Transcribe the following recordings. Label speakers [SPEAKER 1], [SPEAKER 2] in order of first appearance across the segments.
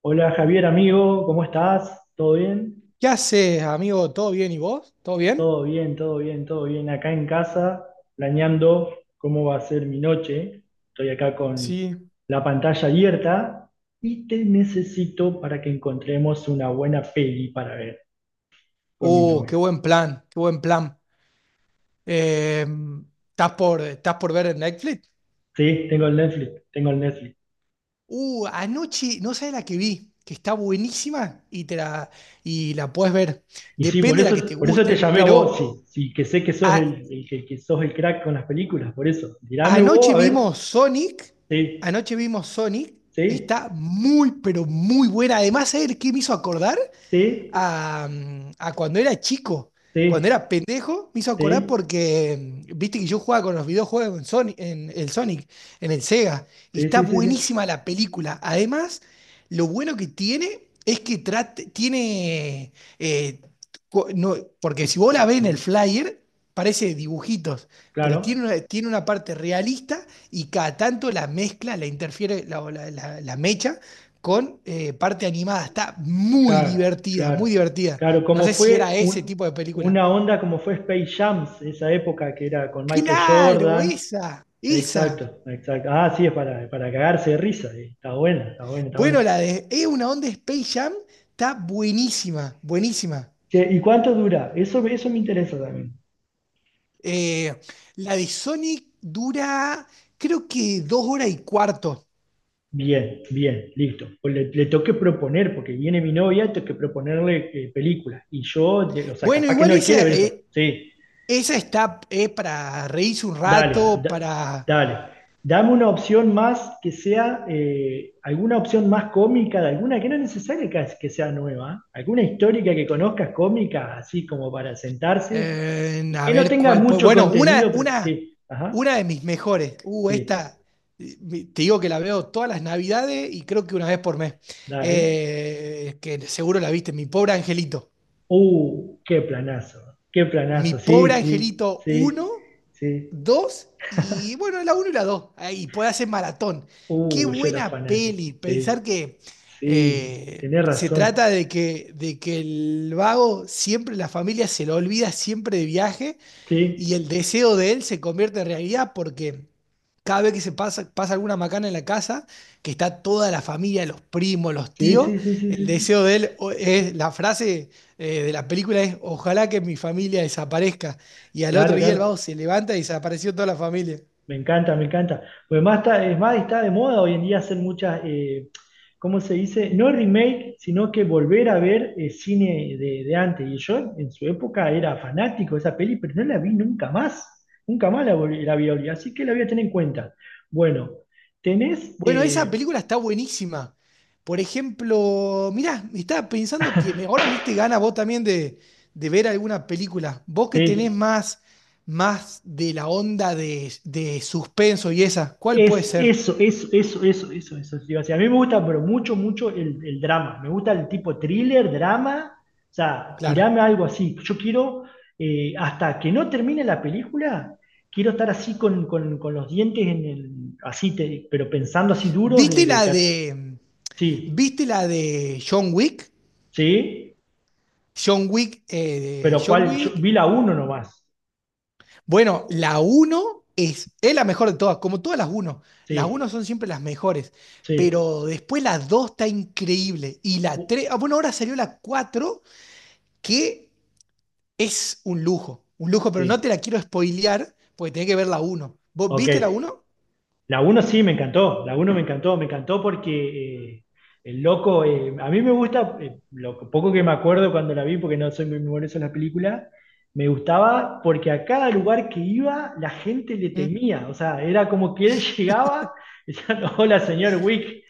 [SPEAKER 1] Hola Javier, amigo, ¿cómo estás? ¿Todo bien?
[SPEAKER 2] ¿Qué haces, amigo? ¿Todo bien? ¿Y vos? ¿Todo bien?
[SPEAKER 1] Todo bien, todo bien, todo bien. Acá en casa, planeando cómo va a ser mi noche. Estoy acá con
[SPEAKER 2] Sí,
[SPEAKER 1] la pantalla abierta y te necesito para que encontremos una buena peli para ver con mi
[SPEAKER 2] Qué
[SPEAKER 1] novia.
[SPEAKER 2] buen plan, qué buen plan. Eh, ¿estás por ver en Netflix?
[SPEAKER 1] Sí, tengo el Netflix, tengo el Netflix.
[SPEAKER 2] Anoche, no sabes la que vi, que está buenísima y la puedes ver.
[SPEAKER 1] Y sí,
[SPEAKER 2] Depende de la que te
[SPEAKER 1] por eso te
[SPEAKER 2] gusten,
[SPEAKER 1] llamé a vos,
[SPEAKER 2] pero
[SPEAKER 1] sí, sí, que sé que sos
[SPEAKER 2] a-
[SPEAKER 1] el que sos el crack con las películas, por eso. Tirame vos,
[SPEAKER 2] anoche
[SPEAKER 1] a ver.
[SPEAKER 2] vimos Sonic,
[SPEAKER 1] Sí,
[SPEAKER 2] anoche vimos Sonic,
[SPEAKER 1] sí,
[SPEAKER 2] está muy, pero muy buena. Además, ¿sabes qué me hizo acordar?
[SPEAKER 1] sí,
[SPEAKER 2] a, a cuando era chico. Cuando
[SPEAKER 1] sí,
[SPEAKER 2] era pendejo, me hizo acordar
[SPEAKER 1] sí.
[SPEAKER 2] porque viste que yo jugaba con los videojuegos en el Sonic, en el Sega, y
[SPEAKER 1] Sí,
[SPEAKER 2] está
[SPEAKER 1] sí, sí, sí.
[SPEAKER 2] buenísima la película. Además, lo bueno que tiene es que tiene. eh, co- no- Porque si vos la ves en el flyer, parece dibujitos, pero
[SPEAKER 1] Claro,
[SPEAKER 2] tiene una parte realista y cada tanto la mezcla, la interfiere, la mecha con parte animada. Está muy
[SPEAKER 1] claro,
[SPEAKER 2] divertida, muy
[SPEAKER 1] claro.
[SPEAKER 2] divertida.
[SPEAKER 1] Claro,
[SPEAKER 2] No sé si era ese tipo de película.
[SPEAKER 1] una onda como fue Space Jam, esa época que era con Michael
[SPEAKER 2] Claro,
[SPEAKER 1] Jordan.
[SPEAKER 2] esa, esa.
[SPEAKER 1] Exacto, exacto. Ah, sí, es para cagarse de risa. Está buena, está buena, está buena.
[SPEAKER 2] Bueno, la de Es una onda Space Jam está buenísima, buenísima.
[SPEAKER 1] Che, ¿y cuánto dura? Eso me interesa también.
[SPEAKER 2] Eh, la de Sonic dura, creo que 2 horas y cuarto.
[SPEAKER 1] Bien, bien, listo. Pues le tengo que proponer, porque viene mi novia, tengo que proponerle películas. Y o sea,
[SPEAKER 2] Bueno,
[SPEAKER 1] capaz que
[SPEAKER 2] igual
[SPEAKER 1] no quiere ver
[SPEAKER 2] esa,
[SPEAKER 1] eso. Sí,
[SPEAKER 2] esa está para reírse un
[SPEAKER 1] Dale,
[SPEAKER 2] rato,
[SPEAKER 1] da-
[SPEAKER 2] para.
[SPEAKER 1] dale. Dame una opción más que sea, alguna opción más cómica de alguna, que no es necesario que sea nueva, ¿eh? Alguna histórica que conozcas cómica, así como para sentarse, y
[SPEAKER 2] A
[SPEAKER 1] que no
[SPEAKER 2] ver
[SPEAKER 1] tenga
[SPEAKER 2] cuál puede.
[SPEAKER 1] mucho
[SPEAKER 2] Bueno,
[SPEAKER 1] contenido, pero sí, ajá,
[SPEAKER 2] una de mis mejores.
[SPEAKER 1] sí,
[SPEAKER 2] Esta, te digo que la veo todas las navidades y creo que una vez por mes.
[SPEAKER 1] dale.
[SPEAKER 2] Que seguro la viste, Mi pobre angelito.
[SPEAKER 1] Uh, qué planazo, qué
[SPEAKER 2] Mi
[SPEAKER 1] planazo,
[SPEAKER 2] pobre
[SPEAKER 1] sí, sí,
[SPEAKER 2] angelito
[SPEAKER 1] sí,
[SPEAKER 2] uno
[SPEAKER 1] sí.
[SPEAKER 2] dos, y bueno, la uno y la 2 y puede hacer maratón. Qué
[SPEAKER 1] Yo era
[SPEAKER 2] buena
[SPEAKER 1] fanático,
[SPEAKER 2] peli. Pensar
[SPEAKER 1] sí,
[SPEAKER 2] que
[SPEAKER 1] sí, tenés
[SPEAKER 2] se
[SPEAKER 1] razón,
[SPEAKER 2] trata de que el vago siempre, la familia se lo olvida siempre de viaje, y
[SPEAKER 1] sí,
[SPEAKER 2] el deseo de él se convierte en realidad porque cada vez que pasa alguna macana en la casa, que está toda la familia, los primos, los
[SPEAKER 1] sí,
[SPEAKER 2] tíos.
[SPEAKER 1] sí, sí, sí,
[SPEAKER 2] El
[SPEAKER 1] sí, sí.
[SPEAKER 2] deseo de él la frase de la película es, ojalá que mi familia desaparezca. Y al otro
[SPEAKER 1] Claro,
[SPEAKER 2] día el
[SPEAKER 1] claro.
[SPEAKER 2] vago se levanta y desapareció toda la familia.
[SPEAKER 1] Me encanta, me encanta. Pues más está, es más, está de moda hoy en día hacer muchas, ¿cómo se dice? No remake, sino que volver a ver cine de antes. Y yo en su época era fanático de esa peli, pero no la vi nunca más. Nunca más la vi, Oli. Así que la voy a tener en cuenta. Bueno, tenés,
[SPEAKER 2] Bueno, esa película está buenísima. Por ejemplo, mirá, estaba pensando que ahora me diste gana vos también de ver alguna película. Vos que tenés
[SPEAKER 1] sí.
[SPEAKER 2] más de la onda de suspenso y esa, ¿cuál puede
[SPEAKER 1] Es
[SPEAKER 2] ser?
[SPEAKER 1] eso, eso, eso, eso, eso, eso. Digo, o sea, a mí me gusta, pero mucho, mucho el drama. Me gusta el tipo thriller, drama. O sea,
[SPEAKER 2] Claro.
[SPEAKER 1] tirame algo así. Yo quiero, hasta que no termine la película, quiero estar así con los dientes en el, así, pero pensando así duros
[SPEAKER 2] ¿Viste la de,
[SPEAKER 1] sí,
[SPEAKER 2] viste la de John Wick?
[SPEAKER 1] sí, pero
[SPEAKER 2] John
[SPEAKER 1] cuál, yo
[SPEAKER 2] Wick.
[SPEAKER 1] vi la uno nomás.
[SPEAKER 2] Bueno, la uno es, la mejor de todas, como todas las uno. Las uno
[SPEAKER 1] Sí,
[SPEAKER 2] son siempre las mejores,
[SPEAKER 1] sí,
[SPEAKER 2] pero después la 2 está increíble. Y la
[SPEAKER 1] u-
[SPEAKER 2] 3. Ah, bueno, ahora salió la cuatro, que es un lujo, pero no te
[SPEAKER 1] sí,
[SPEAKER 2] la quiero spoilear, porque tenés que ver la uno. ¿Vos
[SPEAKER 1] ok.
[SPEAKER 2] viste la uno?
[SPEAKER 1] La uno sí, me encantó, la uno me encantó porque el loco, a mí me gusta, lo poco que me acuerdo cuando la vi, porque no soy muy memorioso en las películas, me gustaba porque a cada lugar que iba la gente le
[SPEAKER 2] Mm.
[SPEAKER 1] temía, o sea, era como que él llegaba y decía "No, hola señor Wick,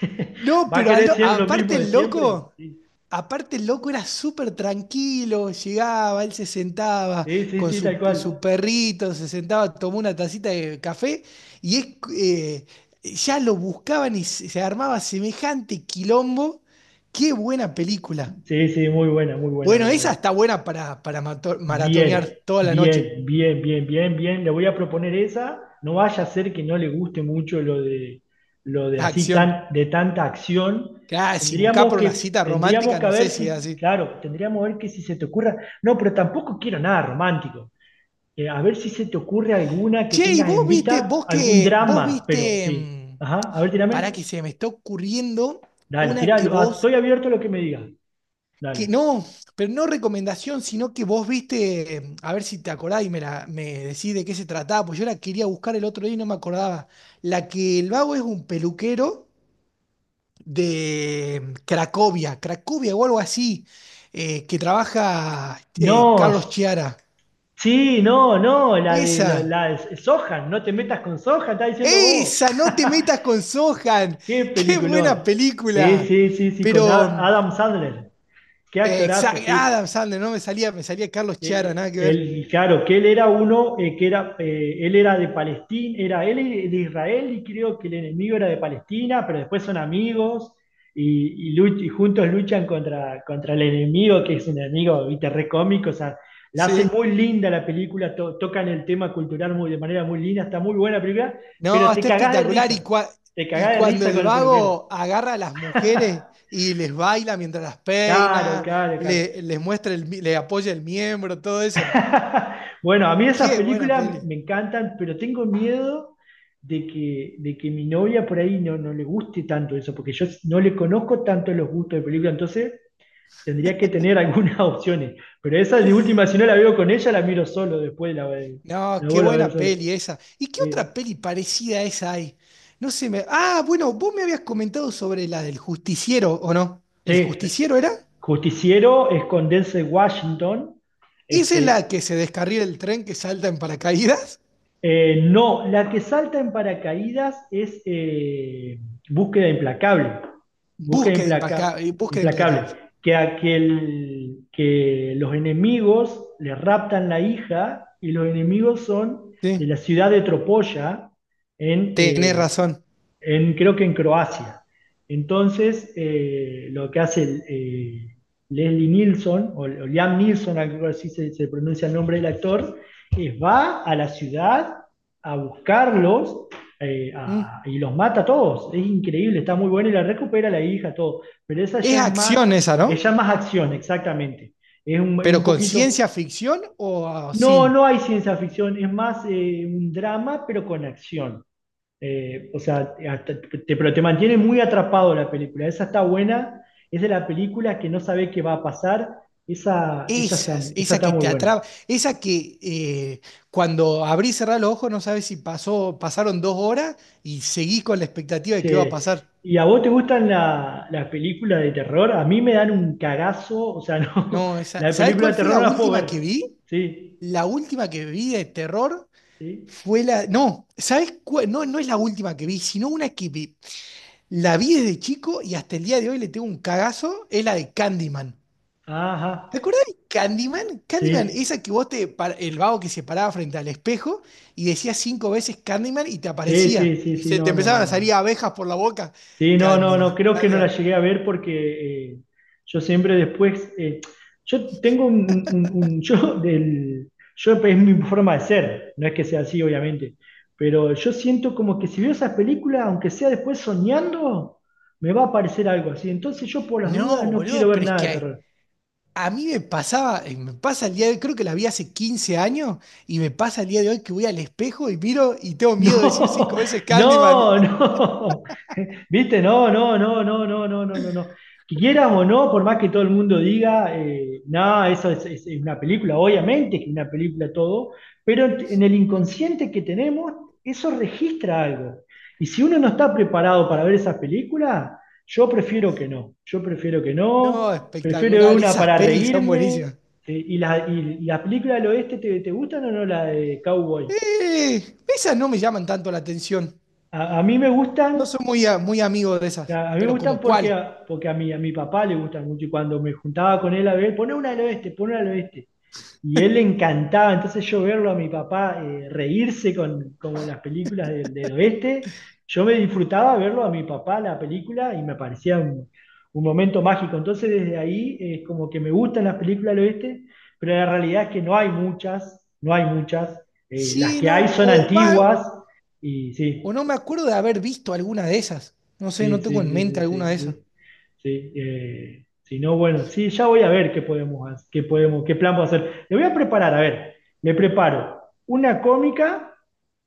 [SPEAKER 2] No,
[SPEAKER 1] va a
[SPEAKER 2] pero
[SPEAKER 1] querer siempre lo
[SPEAKER 2] aparte
[SPEAKER 1] mismo de
[SPEAKER 2] el
[SPEAKER 1] siempre".
[SPEAKER 2] loco,
[SPEAKER 1] Sí,
[SPEAKER 2] era súper tranquilo, llegaba, él se sentaba
[SPEAKER 1] sí, sí,
[SPEAKER 2] con
[SPEAKER 1] sí, tal cual.
[SPEAKER 2] su perrito, se sentaba, tomó una tacita de café, y eh, ya lo buscaban y se armaba semejante quilombo. Qué buena película.
[SPEAKER 1] Sí, sí, muy buena, muy buena,
[SPEAKER 2] Bueno,
[SPEAKER 1] muy
[SPEAKER 2] esa
[SPEAKER 1] buena.
[SPEAKER 2] está buena para
[SPEAKER 1] Bien,
[SPEAKER 2] maratonear toda la noche.
[SPEAKER 1] bien, bien, bien, bien, bien. Le voy a proponer esa. No vaya a ser que no le guste mucho lo de así
[SPEAKER 2] Acción.
[SPEAKER 1] tan, de tanta acción.
[SPEAKER 2] Casi, buscar por una cita
[SPEAKER 1] Tendríamos
[SPEAKER 2] romántica,
[SPEAKER 1] que
[SPEAKER 2] no
[SPEAKER 1] ver
[SPEAKER 2] sé si es
[SPEAKER 1] si,
[SPEAKER 2] así.
[SPEAKER 1] claro, tendríamos que ver que si se te ocurra. No, pero tampoco quiero nada romántico. A ver si se te ocurre alguna que
[SPEAKER 2] Che, ¿y
[SPEAKER 1] tengas en vista, algún
[SPEAKER 2] vos
[SPEAKER 1] drama, pero
[SPEAKER 2] viste,
[SPEAKER 1] sí. Ajá, a ver,
[SPEAKER 2] para
[SPEAKER 1] tírame.
[SPEAKER 2] que se me está ocurriendo
[SPEAKER 1] Dale,
[SPEAKER 2] una
[SPEAKER 1] tirá.
[SPEAKER 2] que vos,
[SPEAKER 1] Estoy abierto a lo que me digas.
[SPEAKER 2] que
[SPEAKER 1] Dale.
[SPEAKER 2] no, pero no recomendación, sino que vos viste, a ver si te acordás y me decís de qué se trataba, pues yo la quería buscar el otro día y no me acordaba. La que el vago es un peluquero de Cracovia, Cracovia o algo así, que trabaja
[SPEAKER 1] No,
[SPEAKER 2] Carlos Chiara.
[SPEAKER 1] sí, no, no,
[SPEAKER 2] Esa,
[SPEAKER 1] la de Sohan, no te metas con Sohan, está diciendo vos.
[SPEAKER 2] esa, no te metas con Sohan.
[SPEAKER 1] Qué
[SPEAKER 2] Qué
[SPEAKER 1] peliculón.
[SPEAKER 2] buena
[SPEAKER 1] Sí,
[SPEAKER 2] película.
[SPEAKER 1] sí, sí, sí, con
[SPEAKER 2] Pero.
[SPEAKER 1] Adam Sandler. Qué actorazo,
[SPEAKER 2] Exacto,
[SPEAKER 1] sí.
[SPEAKER 2] Adam Sandler, no me salía, me salía Carlos Chiara, nada que ver.
[SPEAKER 1] Él, claro, que él era uno, que era, él era de Palestina, era él de Israel y creo que el enemigo era de Palestina, pero después son amigos y juntos luchan contra el enemigo, que es un enemigo, viste, re cómico, o sea, la hacen
[SPEAKER 2] Sí.
[SPEAKER 1] muy linda la película, tocan el tema cultural muy, de manera muy linda, está muy buena la película,
[SPEAKER 2] No,
[SPEAKER 1] pero te
[SPEAKER 2] está
[SPEAKER 1] cagás de
[SPEAKER 2] espectacular. Y,
[SPEAKER 1] risa, te
[SPEAKER 2] y
[SPEAKER 1] cagás de
[SPEAKER 2] cuando
[SPEAKER 1] risa
[SPEAKER 2] el
[SPEAKER 1] con el peluquero.
[SPEAKER 2] vago agarra a las mujeres y les baila mientras las
[SPEAKER 1] Claro,
[SPEAKER 2] peina,
[SPEAKER 1] claro, claro.
[SPEAKER 2] les muestra el, le apoya el miembro, todo eso.
[SPEAKER 1] Bueno, a mí esas
[SPEAKER 2] Qué buena
[SPEAKER 1] películas
[SPEAKER 2] peli.
[SPEAKER 1] me encantan, pero tengo miedo de que mi novia por ahí no, no le guste tanto eso, porque yo no le conozco tanto los gustos de película, entonces tendría que tener algunas opciones. Pero esa de última, si no la veo con ella, la miro solo después,
[SPEAKER 2] No,
[SPEAKER 1] la
[SPEAKER 2] qué
[SPEAKER 1] vuelvo a ver
[SPEAKER 2] buena
[SPEAKER 1] solo.
[SPEAKER 2] peli esa. ¿Y qué
[SPEAKER 1] Eh,
[SPEAKER 2] otra peli parecida a esa hay? No sé, me. Ah, bueno, vos me habías comentado sobre la del justiciero, ¿o no? ¿El
[SPEAKER 1] sí,
[SPEAKER 2] justiciero era?
[SPEAKER 1] Justiciero es con Denzel Washington, es
[SPEAKER 2] ¿Esa es la
[SPEAKER 1] que
[SPEAKER 2] que se descarrila el tren que salta en paracaídas?
[SPEAKER 1] eh, no, la que salta en paracaídas es Búsqueda Implacable. Búsqueda implaca-
[SPEAKER 2] Búsqueda
[SPEAKER 1] Implacable.
[SPEAKER 2] implacable.
[SPEAKER 1] Que, aquel, que los enemigos le raptan la hija y los enemigos son de la
[SPEAKER 2] Sí,
[SPEAKER 1] ciudad de Tropolla en,
[SPEAKER 2] tenés
[SPEAKER 1] eh,
[SPEAKER 2] razón.
[SPEAKER 1] en, creo que en Croacia. Entonces, lo que hace Leslie Nielsen o Liam Neeson, algo así se pronuncia el nombre del actor, es va a la ciudad a buscarlos
[SPEAKER 2] ¿Mm?
[SPEAKER 1] y los mata a todos. Es increíble, está muy bueno y la recupera la hija, todo. Pero esa
[SPEAKER 2] Es
[SPEAKER 1] ya es más,
[SPEAKER 2] acción esa,
[SPEAKER 1] es
[SPEAKER 2] ¿no?
[SPEAKER 1] ya más acción,
[SPEAKER 2] Oh.
[SPEAKER 1] exactamente. Es un
[SPEAKER 2] Pero con
[SPEAKER 1] poquito.
[SPEAKER 2] ciencia ficción o
[SPEAKER 1] No, no
[SPEAKER 2] sin.
[SPEAKER 1] hay ciencia ficción, es más un drama, pero con acción. O sea, pero te mantiene muy atrapado la película. Esa está buena, es de la película que no sabe qué va a pasar. Esa,
[SPEAKER 2] Esas,
[SPEAKER 1] esa
[SPEAKER 2] esa
[SPEAKER 1] está
[SPEAKER 2] que
[SPEAKER 1] muy
[SPEAKER 2] te
[SPEAKER 1] buena.
[SPEAKER 2] atrapa, esa que cuando abrís y cerrás los ojos no sabes si pasaron dos horas y seguís con la expectativa de qué va a
[SPEAKER 1] Che,
[SPEAKER 2] pasar.
[SPEAKER 1] ¿y a vos te gustan las películas de terror? A mí me dan un cagazo, o sea, no,
[SPEAKER 2] No, esa,
[SPEAKER 1] las
[SPEAKER 2] ¿sabés
[SPEAKER 1] películas
[SPEAKER 2] cuál
[SPEAKER 1] de
[SPEAKER 2] fue
[SPEAKER 1] terror
[SPEAKER 2] la
[SPEAKER 1] no las puedo
[SPEAKER 2] última que
[SPEAKER 1] ver.
[SPEAKER 2] vi?
[SPEAKER 1] Sí,
[SPEAKER 2] La última que vi de terror
[SPEAKER 1] sí,
[SPEAKER 2] fue la. No, ¿sabes cuál? No, no es la última que vi, sino una que la vi desde chico y hasta el día de hoy le tengo un cagazo, es la de Candyman.
[SPEAKER 1] ajá,
[SPEAKER 2] ¿Te acordás de Candyman? Candyman,
[SPEAKER 1] sí,
[SPEAKER 2] esa que vos te, el vago que se paraba frente al espejo y decías 5 veces Candyman y te
[SPEAKER 1] sí, sí,
[SPEAKER 2] aparecía.
[SPEAKER 1] sí,
[SPEAKER 2] Y
[SPEAKER 1] sí,
[SPEAKER 2] se te
[SPEAKER 1] no, no,
[SPEAKER 2] empezaban
[SPEAKER 1] no,
[SPEAKER 2] a salir
[SPEAKER 1] no.
[SPEAKER 2] abejas por la boca.
[SPEAKER 1] Sí, no, no,
[SPEAKER 2] Candyman,
[SPEAKER 1] no, creo que no la
[SPEAKER 2] Candyman.
[SPEAKER 1] llegué a ver porque yo siempre después, yo tengo un, yo del, yo es mi forma de ser, no es que sea así, obviamente, pero yo siento como que si veo esas películas, aunque sea después soñando, me va a aparecer algo así, entonces yo por las dudas
[SPEAKER 2] No,
[SPEAKER 1] no quiero
[SPEAKER 2] boludo,
[SPEAKER 1] ver
[SPEAKER 2] pero es
[SPEAKER 1] nada de
[SPEAKER 2] que
[SPEAKER 1] terror.
[SPEAKER 2] a mí me pasaba, me pasa el día de hoy, creo que la vi hace 15 años y me pasa el día de hoy que voy al espejo y miro y tengo miedo de decir
[SPEAKER 1] No,
[SPEAKER 2] 5 veces Candyman.
[SPEAKER 1] no, no. ¿Viste? No, no, no, no, no, no, no, no, no. Que quieras o no, por más que todo el mundo diga, no, es una película, obviamente que es una película todo, pero en el inconsciente que tenemos, eso registra algo. Y si uno no está preparado para ver esas películas, yo prefiero que no. Yo prefiero que
[SPEAKER 2] No,
[SPEAKER 1] no, prefiero ver
[SPEAKER 2] espectacular,
[SPEAKER 1] una
[SPEAKER 2] esas
[SPEAKER 1] para
[SPEAKER 2] pelis son
[SPEAKER 1] reírme.
[SPEAKER 2] buenísimas.
[SPEAKER 1] ¿Y y la película del oeste te, te gustan o no la de Cowboy?
[SPEAKER 2] Esas no me llaman tanto la atención.
[SPEAKER 1] A mí me gustan.
[SPEAKER 2] No soy muy, muy amigo de esas.
[SPEAKER 1] A mí me
[SPEAKER 2] Pero
[SPEAKER 1] gustan
[SPEAKER 2] como cuál.
[SPEAKER 1] porque a mi papá le gustan mucho y cuando me juntaba con él a ver, pone una al oeste, pone una al oeste. Y él le encantaba, entonces yo verlo a mi papá reírse con las películas del oeste, yo me disfrutaba verlo a mi papá la película y me parecía un momento mágico. Entonces desde ahí es como que me gustan las películas del oeste, pero la realidad es que no hay muchas, no hay muchas. Las
[SPEAKER 2] Sí,
[SPEAKER 1] que hay
[SPEAKER 2] no.
[SPEAKER 1] son
[SPEAKER 2] O va,
[SPEAKER 1] antiguas y
[SPEAKER 2] o
[SPEAKER 1] sí.
[SPEAKER 2] no me acuerdo de haber visto alguna de esas. No sé,
[SPEAKER 1] Sí,
[SPEAKER 2] no
[SPEAKER 1] sí,
[SPEAKER 2] tengo en
[SPEAKER 1] sí,
[SPEAKER 2] mente
[SPEAKER 1] sí,
[SPEAKER 2] alguna
[SPEAKER 1] sí,
[SPEAKER 2] de esas.
[SPEAKER 1] sí. Sí, si no, bueno, sí, ya voy a ver qué podemos, qué plan puedo hacer. Le voy a preparar, a ver, me preparo una cómica,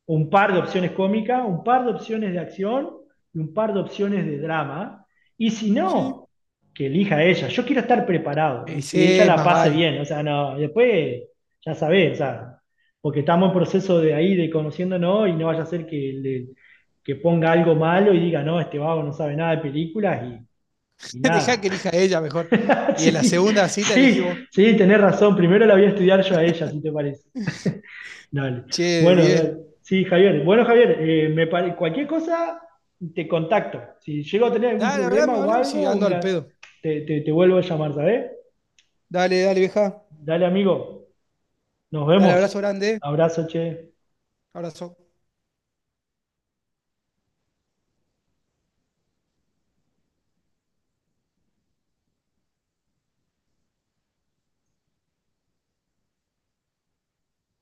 [SPEAKER 1] un par de opciones cómicas, un par de opciones de acción y un par de opciones de drama. Y si
[SPEAKER 2] Sí.
[SPEAKER 1] no, que elija ella. Yo quiero estar preparado y que ella
[SPEAKER 2] Sí,
[SPEAKER 1] la
[SPEAKER 2] más
[SPEAKER 1] pase
[SPEAKER 2] vale.
[SPEAKER 1] bien. O sea, no, después ya sabés, o sea, porque estamos en proceso de ahí, de conociéndonos y no vaya a ser que le que ponga algo malo y diga, no, este vago no sabe nada de películas y
[SPEAKER 2] Dejá
[SPEAKER 1] nada.
[SPEAKER 2] que elija ella mejor. Y en la
[SPEAKER 1] Sí,
[SPEAKER 2] segunda cita elegí
[SPEAKER 1] sí,
[SPEAKER 2] vos.
[SPEAKER 1] sí, tenés razón. Primero la voy a estudiar yo a ella, si te parece. Dale.
[SPEAKER 2] Che, de
[SPEAKER 1] Bueno,
[SPEAKER 2] 10.
[SPEAKER 1] dale. Sí, Javier. Bueno, Javier, cualquier cosa te contacto. Si llego a tener algún
[SPEAKER 2] Dale,
[SPEAKER 1] problema
[SPEAKER 2] hablame,
[SPEAKER 1] o
[SPEAKER 2] hablame. Sí,
[SPEAKER 1] algo, o
[SPEAKER 2] ando al
[SPEAKER 1] mira,
[SPEAKER 2] pedo.
[SPEAKER 1] te vuelvo a llamar, ¿sabes?
[SPEAKER 2] Dale, dale, vieja.
[SPEAKER 1] Dale, amigo. Nos
[SPEAKER 2] Dale, abrazo
[SPEAKER 1] vemos.
[SPEAKER 2] grande.
[SPEAKER 1] Abrazo, che.
[SPEAKER 2] Abrazo.